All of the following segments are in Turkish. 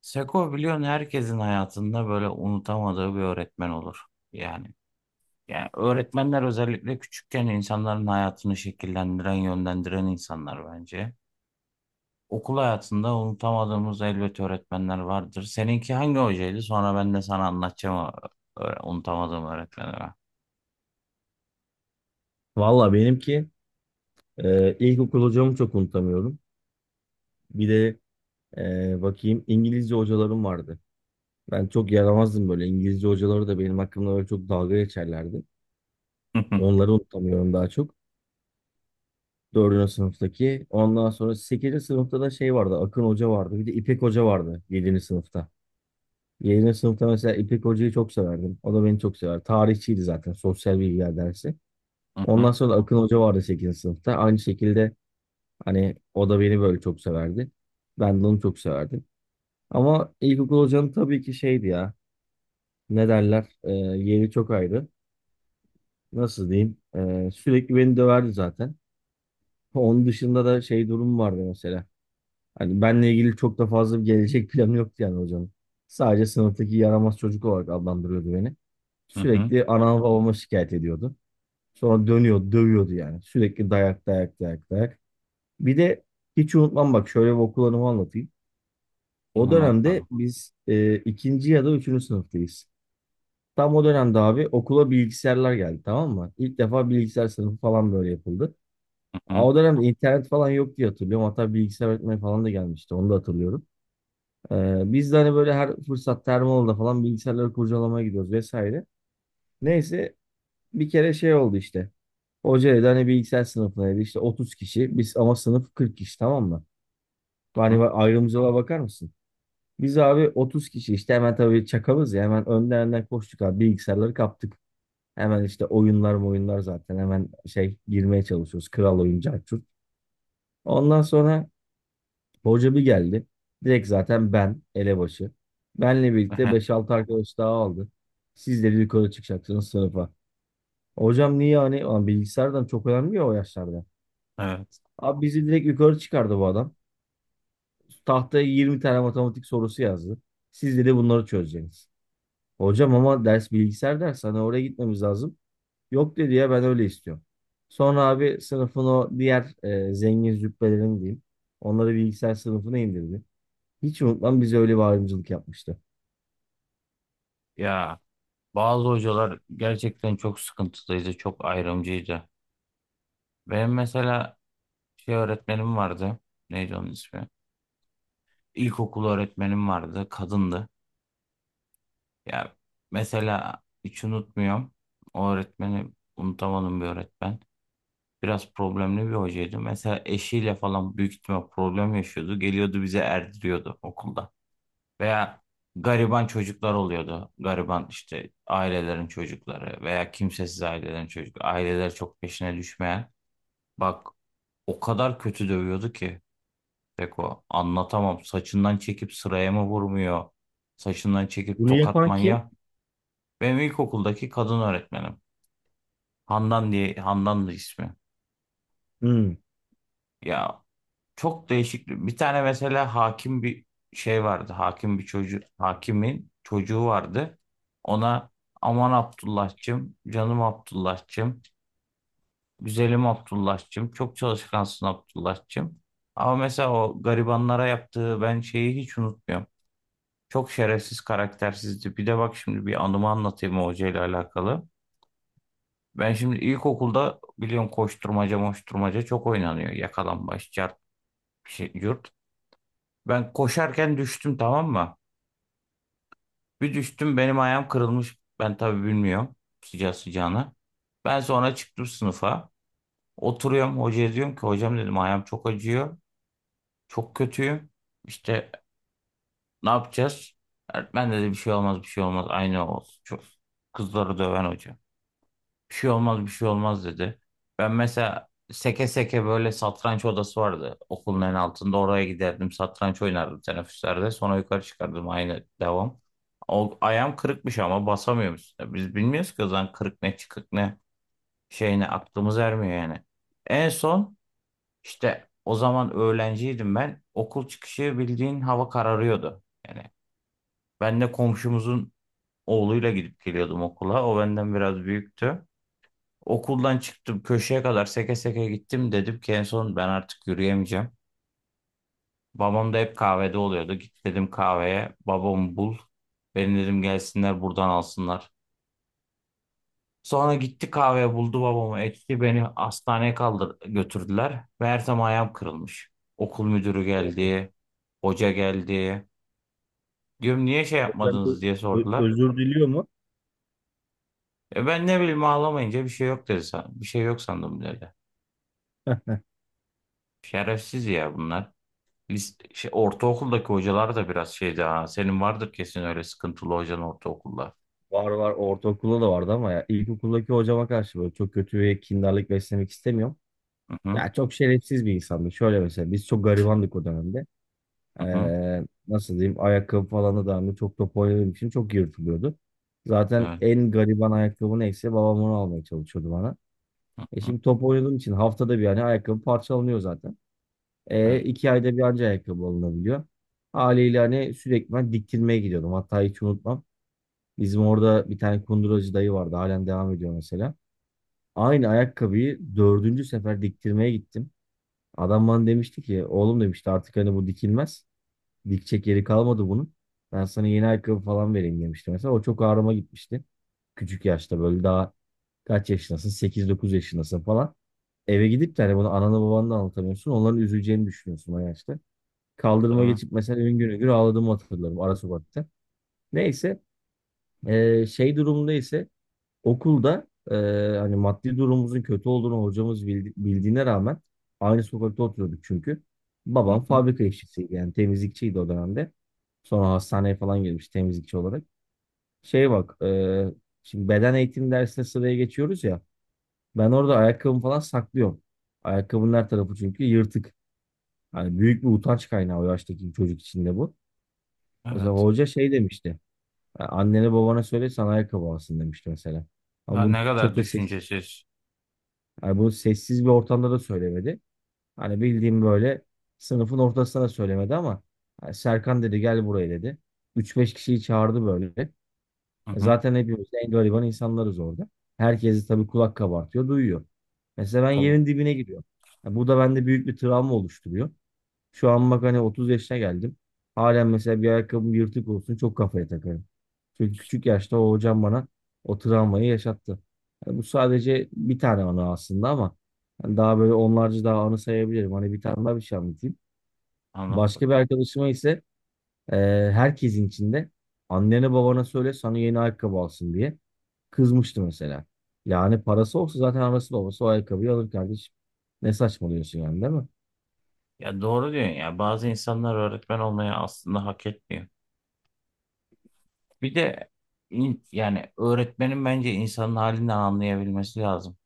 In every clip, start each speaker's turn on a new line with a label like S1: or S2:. S1: Seko biliyorsun herkesin hayatında böyle unutamadığı bir öğretmen olur. Yani, yani öğretmenler özellikle küçükken insanların hayatını şekillendiren, yönlendiren insanlar bence. Okul hayatında unutamadığımız elbet öğretmenler vardır. Seninki hangi hocaydı? Sonra ben de sana anlatacağım o unutamadığım öğretmenleri.
S2: Valla benimki ilkokul hocamı çok unutamıyorum. Bir de bakayım İngilizce hocalarım vardı. Ben çok yaramazdım böyle. İngilizce hocaları da benim hakkımda böyle çok dalga geçerlerdi.
S1: Hı hı,
S2: Onları unutamıyorum daha çok. Dördüncü sınıftaki. Ondan sonra sekizinci sınıfta da şey vardı. Akın Hoca vardı. Bir de İpek Hoca vardı yedinci sınıfta. Yedinci sınıfta mesela İpek Hoca'yı çok severdim. O da beni çok sever. Tarihçiydi zaten. Sosyal bilgiler dersi.
S1: hı hı,
S2: Ondan sonra da Akın Hoca vardı sekizinci sınıfta. Aynı şekilde hani o da beni böyle çok severdi. Ben de onu çok severdim. Ama ilkokul hocanın tabii ki şeydi ya. Ne derler? Yeri çok ayrı. Nasıl diyeyim? Sürekli beni döverdi zaten. Onun dışında da şey durum vardı mesela. Hani benle ilgili çok da fazla bir gelecek planı yoktu yani hocanın. Sadece sınıftaki yaramaz çocuk olarak adlandırıyordu beni.
S1: hı hı.
S2: Sürekli anama babama şikayet ediyordu. Sonra dönüyor, dövüyordu yani. Sürekli dayak, dayak, dayak, dayak. Bir de hiç unutmam, bak şöyle bir okul anımı anlatayım. O
S1: Anlat
S2: dönemde
S1: bakalım.
S2: biz ikinci ya da üçüncü sınıftayız. Tam o dönemde abi okula bilgisayarlar geldi, tamam mı? İlk defa bilgisayar sınıfı falan böyle yapıldı.
S1: Hı
S2: Aa,
S1: hı,
S2: O dönemde internet falan yok diye hatırlıyorum. Hatta bilgisayar öğretmeni falan da gelmişti. Onu da hatırlıyorum. Biz de hani böyle her fırsatta her falan bilgisayarları kurcalamaya gidiyoruz vesaire. Neyse, bir kere şey oldu işte. Hoca dedi hani bilgisayar sınıfına dedi işte 30 kişi. Biz ama sınıf 40 kişi, tamam mı?
S1: hı
S2: Yani
S1: hı.
S2: ayrımcılığa bakar mısın? Biz abi 30 kişi işte, hemen tabii çakalız ya, hemen önden önden koştuk abi, bilgisayarları kaptık. Hemen işte oyunlar oyunlar zaten hemen şey girmeye çalışıyoruz. Kral oyuncu Arthur. Ondan sonra hoca bir geldi. Direkt zaten ben elebaşı. Benle birlikte beş 6 arkadaş daha aldı. Siz de yukarı çıkacaksınız sınıfa. Hocam niye, hani ulan bilgisayardan çok önemli ya o yaşlarda.
S1: Evet.
S2: Abi bizi direkt yukarı çıkardı bu adam. Tahtaya 20 tane matematik sorusu yazdı. Siz de bunları çözeceksiniz. Hocam ama ders bilgisayar dersi, hani oraya gitmemiz lazım. Yok dedi ya, ben öyle istiyorum. Sonra abi sınıfın o diğer zengin züppelerini diyeyim. Onları bilgisayar sınıfına indirdi. Hiç unutmam, bize öyle bir ayrımcılık yapmıştı.
S1: Ya, bazı hocalar gerçekten çok sıkıntılıydı, çok ayrımcıydı. Benim mesela şey öğretmenim vardı. Neydi onun ismi? İlkokul öğretmenim vardı. Kadındı. Ya, mesela hiç unutmuyorum. O öğretmeni unutamadığım bir öğretmen. Biraz problemli bir hocaydı. Mesela eşiyle falan büyük ihtimal problem yaşıyordu. Geliyordu bize erdiriyordu okulda. Veya gariban çocuklar oluyordu. Gariban işte ailelerin çocukları veya kimsesiz ailelerin çocukları. Aileler çok peşine düşmeyen. Bak, o kadar kötü dövüyordu ki. Beko anlatamam. Saçından çekip sıraya mı vurmuyor? Saçından çekip
S2: Bunu
S1: tokat
S2: yapan kim?
S1: manyağı. Benim ilkokuldaki kadın öğretmenim. Handan diye, Handan'dı ismi.
S2: Hmm.
S1: Ya, çok değişik. Bir tane mesela hakim bir şey vardı. Hakim bir çocuğu, hakimin çocuğu vardı. Ona aman Abdullah'cığım, canım Abdullah'cığım, güzelim Abdullah'cığım, çok çalışkansın Abdullah'cığım. Ama mesela o garibanlara yaptığı ben şeyi hiç unutmuyorum. Çok şerefsiz, karaktersizdi. Bir de bak şimdi bir anımı anlatayım o hocayla alakalı. Ben şimdi ilkokulda biliyorsun koşturmaca moşturmaca çok oynanıyor. Yakalambaç, çarp, şey, yurt. Ben koşarken düştüm, tamam mı? Bir düştüm, benim ayağım kırılmış. Ben tabii bilmiyorum sıcağı sıcağına. Ben sonra çıktım sınıfa. Oturuyorum, hocaya diyorum ki hocam dedim, ayağım çok acıyor. Çok kötüyüm. İşte ne yapacağız? Öğretmen dedi bir şey olmaz, bir şey olmaz. Aynı olsun. Çok kızları döven hoca. Bir şey olmaz, bir şey olmaz dedi. Ben mesela seke seke, böyle satranç odası vardı okulun en altında. Oraya giderdim, satranç oynardım teneffüslerde. Sonra yukarı çıkardım, aynı devam. O, ayağım kırıkmış ama basamıyoruz. Biz bilmiyoruz ki o zaman kırık ne, çıkık ne, şey ne, aklımız ermiyor yani. En son işte, o zaman öğrenciydim ben. Okul çıkışı bildiğin hava kararıyordu. Yani ben de komşumuzun oğluyla gidip geliyordum okula. O benden biraz büyüktü. Okuldan çıktım, köşeye kadar seke seke gittim, dedim ki en son ben artık yürüyemeyeceğim. Babam da hep kahvede oluyordu. Git dedim kahveye, babamı bul. Beni dedim gelsinler buradan alsınlar. Sonra gitti kahveye, buldu babamı, etti, beni hastaneye kaldır götürdüler. Meğersem ayağım kırılmış. Okul müdürü
S2: O-
S1: geldi. Hoca geldi. Diyorum niye şey
S2: Hocam
S1: yapmadınız
S2: bu
S1: diye sordular.
S2: özür diliyor mu?
S1: E ben ne bileyim, ağlamayınca bir şey yok dedi. Bir şey yok sandım dedi. Şerefsiz ya bunlar. Şey, ortaokuldaki hocalar da biraz şeydi ha. Senin vardır kesin öyle sıkıntılı hocan ortaokulda.
S2: Var var, ortaokulda da vardı ama ya ilkokuldaki hocama karşı böyle çok kötü ve kindarlık beslemek istemiyorum.
S1: Hı hı,
S2: Ya çok şerefsiz bir insandı. Şöyle mesela, biz çok garibandık o dönemde.
S1: hı hı,
S2: Nasıl diyeyim, ayakkabı falan da dahil, çok top oynadığım için çok yırtılıyordu. Zaten
S1: evet,
S2: en gariban ayakkabı neyse babam onu almaya çalışıyordu bana.
S1: hı
S2: E
S1: hı,
S2: şimdi top oynadığım için haftada bir yani ayakkabı parçalanıyor zaten.
S1: evet,
S2: İki ayda bir anca ayakkabı alınabiliyor. Haliyle hani sürekli ben diktirmeye gidiyordum. Hatta hiç unutmam. Bizim orada bir tane kunduracı dayı vardı. Halen devam ediyor mesela. Aynı ayakkabıyı dördüncü sefer diktirmeye gittim. Adam bana demişti ki oğlum demişti artık hani bu dikilmez. Dikecek yeri kalmadı bunun. Ben sana yeni ayakkabı falan vereyim demişti mesela. O çok ağrıma gitmişti. Küçük yaşta böyle daha kaç yaşındasın? 8-9 yaşındasın falan. Eve gidip de hani bunu anana babanla anlatamıyorsun. Onların üzüleceğini düşünüyorsun o yaşta. Kaldırıma
S1: tabii.
S2: geçip mesela üngür üngür ağladığımı hatırlarım ara sokakta. Neyse, şey durumunda ise okulda, hani maddi durumumuzun kötü olduğunu hocamız bildiğine rağmen aynı sokakta oturuyorduk çünkü.
S1: Hı
S2: Babam
S1: hı,
S2: fabrika işçisiydi, yani temizlikçiydi o dönemde. Sonra hastaneye falan girmiş temizlikçi olarak. Şey bak, şimdi beden eğitim dersine sıraya geçiyoruz ya. Ben orada ayakkabımı falan saklıyorum. Ayakkabının her tarafı çünkü yırtık. Hani büyük bir utanç kaynağı o yaştaki çocuk için de bu. Mesela
S1: evet.
S2: hoca şey demişti. "Ya annene babana söyle sana ayakkabı alsın" demişti mesela. Ama
S1: Ha,
S2: bunu
S1: ne kadar
S2: çok da seksi.
S1: düşüncesiz.
S2: Yani bunu sessiz bir ortamda da söylemedi. Hani bildiğim böyle sınıfın ortasına da söylemedi ama hani Serkan dedi, gel buraya dedi. Üç beş kişiyi çağırdı böyle.
S1: Hı
S2: E
S1: hı,
S2: zaten hepimiz en gariban insanlarız orada. Herkesi tabii kulak kabartıyor, duyuyor. Mesela ben
S1: tabii.
S2: yerin dibine giriyorum. Ya bu da bende büyük bir travma oluşturuyor. Şu an bak hani 30 yaşına geldim. Halen mesela bir ayakkabım yırtık olsun çok kafaya takarım. Çünkü küçük yaşta o hocam bana o travmayı yaşattı. Yani bu sadece bir tane anı aslında ama hani daha böyle onlarca daha anı sayabilirim. Hani bir tane daha bir şey anlatayım.
S1: Anlat
S2: Başka bir
S1: bakalım.
S2: arkadaşıma ise e, herkesin içinde annene babana söyle sana yeni ayakkabı alsın diye kızmıştı mesela. Yani parası olsa zaten anası babası o ayakkabıyı alır kardeşim. Ne saçmalıyorsun yani, değil mi?
S1: Ya doğru diyorsun ya. Bazı insanlar öğretmen olmayı aslında hak etmiyor. Bir de yani öğretmenin bence insanın halinden anlayabilmesi lazım.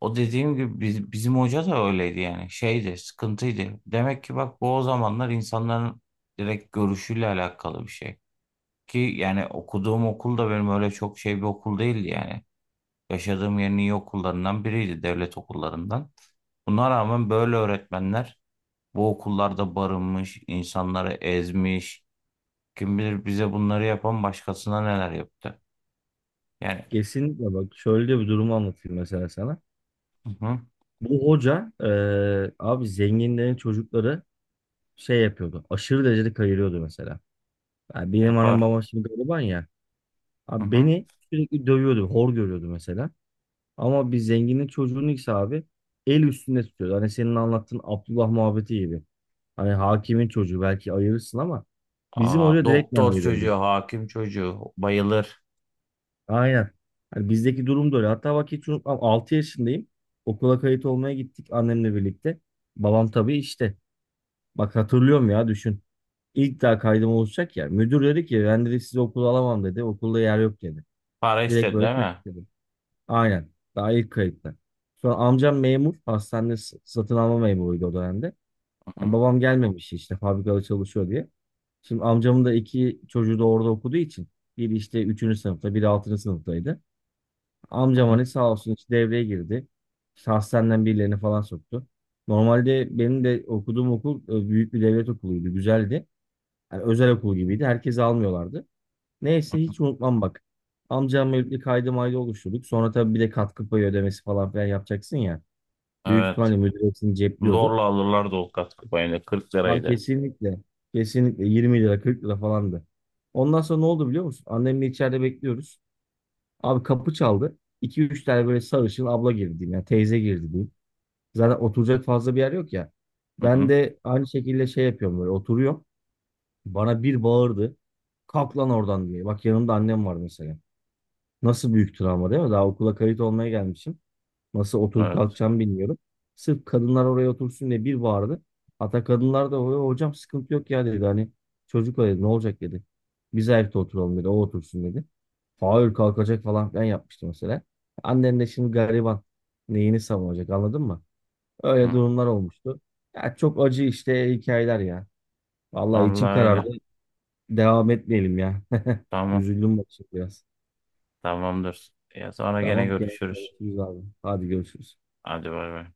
S1: O dediğim gibi bizim hoca da öyleydi, yani şeydi, sıkıntıydı. Demek ki bak, bu o zamanlar insanların direkt görüşüyle alakalı bir şey. Ki yani okuduğum okul da benim öyle çok şey bir okul değildi yani. Yaşadığım yerin iyi okullarından biriydi, devlet okullarından. Buna rağmen böyle öğretmenler bu okullarda barınmış, insanları ezmiş. Kim bilir bize bunları yapan başkasına neler yaptı. Yani,
S2: Kesinlikle, bak şöyle bir durumu anlatayım mesela sana.
S1: hı hı,
S2: Bu hoca abi zenginlerin çocukları şey yapıyordu. Aşırı derecede kayırıyordu mesela. Yani benim anam
S1: yapar.
S2: babam şimdi gariban ya.
S1: Hı
S2: Abi
S1: hı.
S2: beni sürekli dövüyordu. Hor görüyordu mesela. Ama bir zenginin çocuğunu ise abi el üstünde tutuyordu. Hani senin anlattığın Abdullah muhabbeti gibi. Hani hakimin çocuğu belki ayırırsın ama bizim
S1: Aa,
S2: hoca direktmen
S1: doktor
S2: ayırıyordu.
S1: çocuğu, hakim çocuğu bayılır.
S2: Aynen. Hani bizdeki durum da öyle. Hatta bak hiç unutmam, 6 yaşındayım. Okula kayıt olmaya gittik annemle birlikte. Babam tabii işte. Bak hatırlıyorum ya, düşün. İlk daha kaydım olacak ya. Müdür dedi ki ben dedi sizi okula alamam dedi. Okulda yer yok dedi.
S1: Para
S2: Direkt
S1: istedi
S2: böyle
S1: değil
S2: terk
S1: mi?
S2: dedi. Aynen. Daha ilk kayıtta. Sonra amcam memur. Hastanede satın alma memuruydu o dönemde.
S1: Hı
S2: Yani
S1: hı,
S2: babam gelmemiş işte fabrikada çalışıyor diye. Şimdi amcamın da iki çocuğu da orada okuduğu için. Biri işte üçüncü sınıfta, biri altıncı sınıftaydı. Amcam
S1: hı, hı.
S2: hani sağ olsun hiç devreye girdi. İşte hastaneden birilerini falan soktu. Normalde benim de okuduğum okul büyük bir devlet okuluydu. Güzeldi. Yani özel okul gibiydi. Herkesi almıyorlardı. Neyse hiç unutmam bak. Amcamla birlikte kaydı maydı oluşturduk. Sonra tabii bir de katkı payı ödemesi falan filan yapacaksın ya. Büyük
S1: Evet.
S2: ihtimalle müdür hepsini cepliyordu.
S1: Zorla alırlar o katkı payını. 40
S2: Ama
S1: liraydı.
S2: kesinlikle 20 lira 40 lira falandı. Ondan sonra ne oldu biliyor musun? Annemle içeride bekliyoruz. Abi kapı çaldı. 2 üç tane böyle sarışın abla girdi diyeyim. Yani teyze girdi diyeyim. Zaten oturacak fazla bir yer yok ya.
S1: Hı
S2: Ben
S1: hı.
S2: de aynı şekilde şey yapıyorum böyle oturuyorum. Bana bir bağırdı. Kalk lan oradan diye. Bak yanımda annem var mesela. Nasıl büyük travma, değil mi? Daha okula kayıt olmaya gelmişim. Nasıl oturup
S1: Evet.
S2: kalkacağımı bilmiyorum. Sırf kadınlar oraya otursun diye bir bağırdı. Hatta kadınlar da hocam sıkıntı yok ya" dedi. Hani çocuk o dedi ne olacak dedi. Biz ayakta oturalım dedi. O otursun dedi. Hayır, kalkacak falan filan yapmıştı mesela. Annen de şimdi gariban. Neyini savunacak, anladın mı? Öyle
S1: Hı.
S2: durumlar olmuştu. Ya çok acı işte hikayeler ya. Vallahi içim
S1: Vallahi
S2: karardı.
S1: öyle.
S2: Devam etmeyelim ya.
S1: Tamam.
S2: Üzüldüm bak şimdi biraz.
S1: Tamamdır. Ya sonra gene
S2: Tamam, gene
S1: görüşürüz.
S2: görüşürüz abi. Hadi görüşürüz.
S1: Hadi bay bay.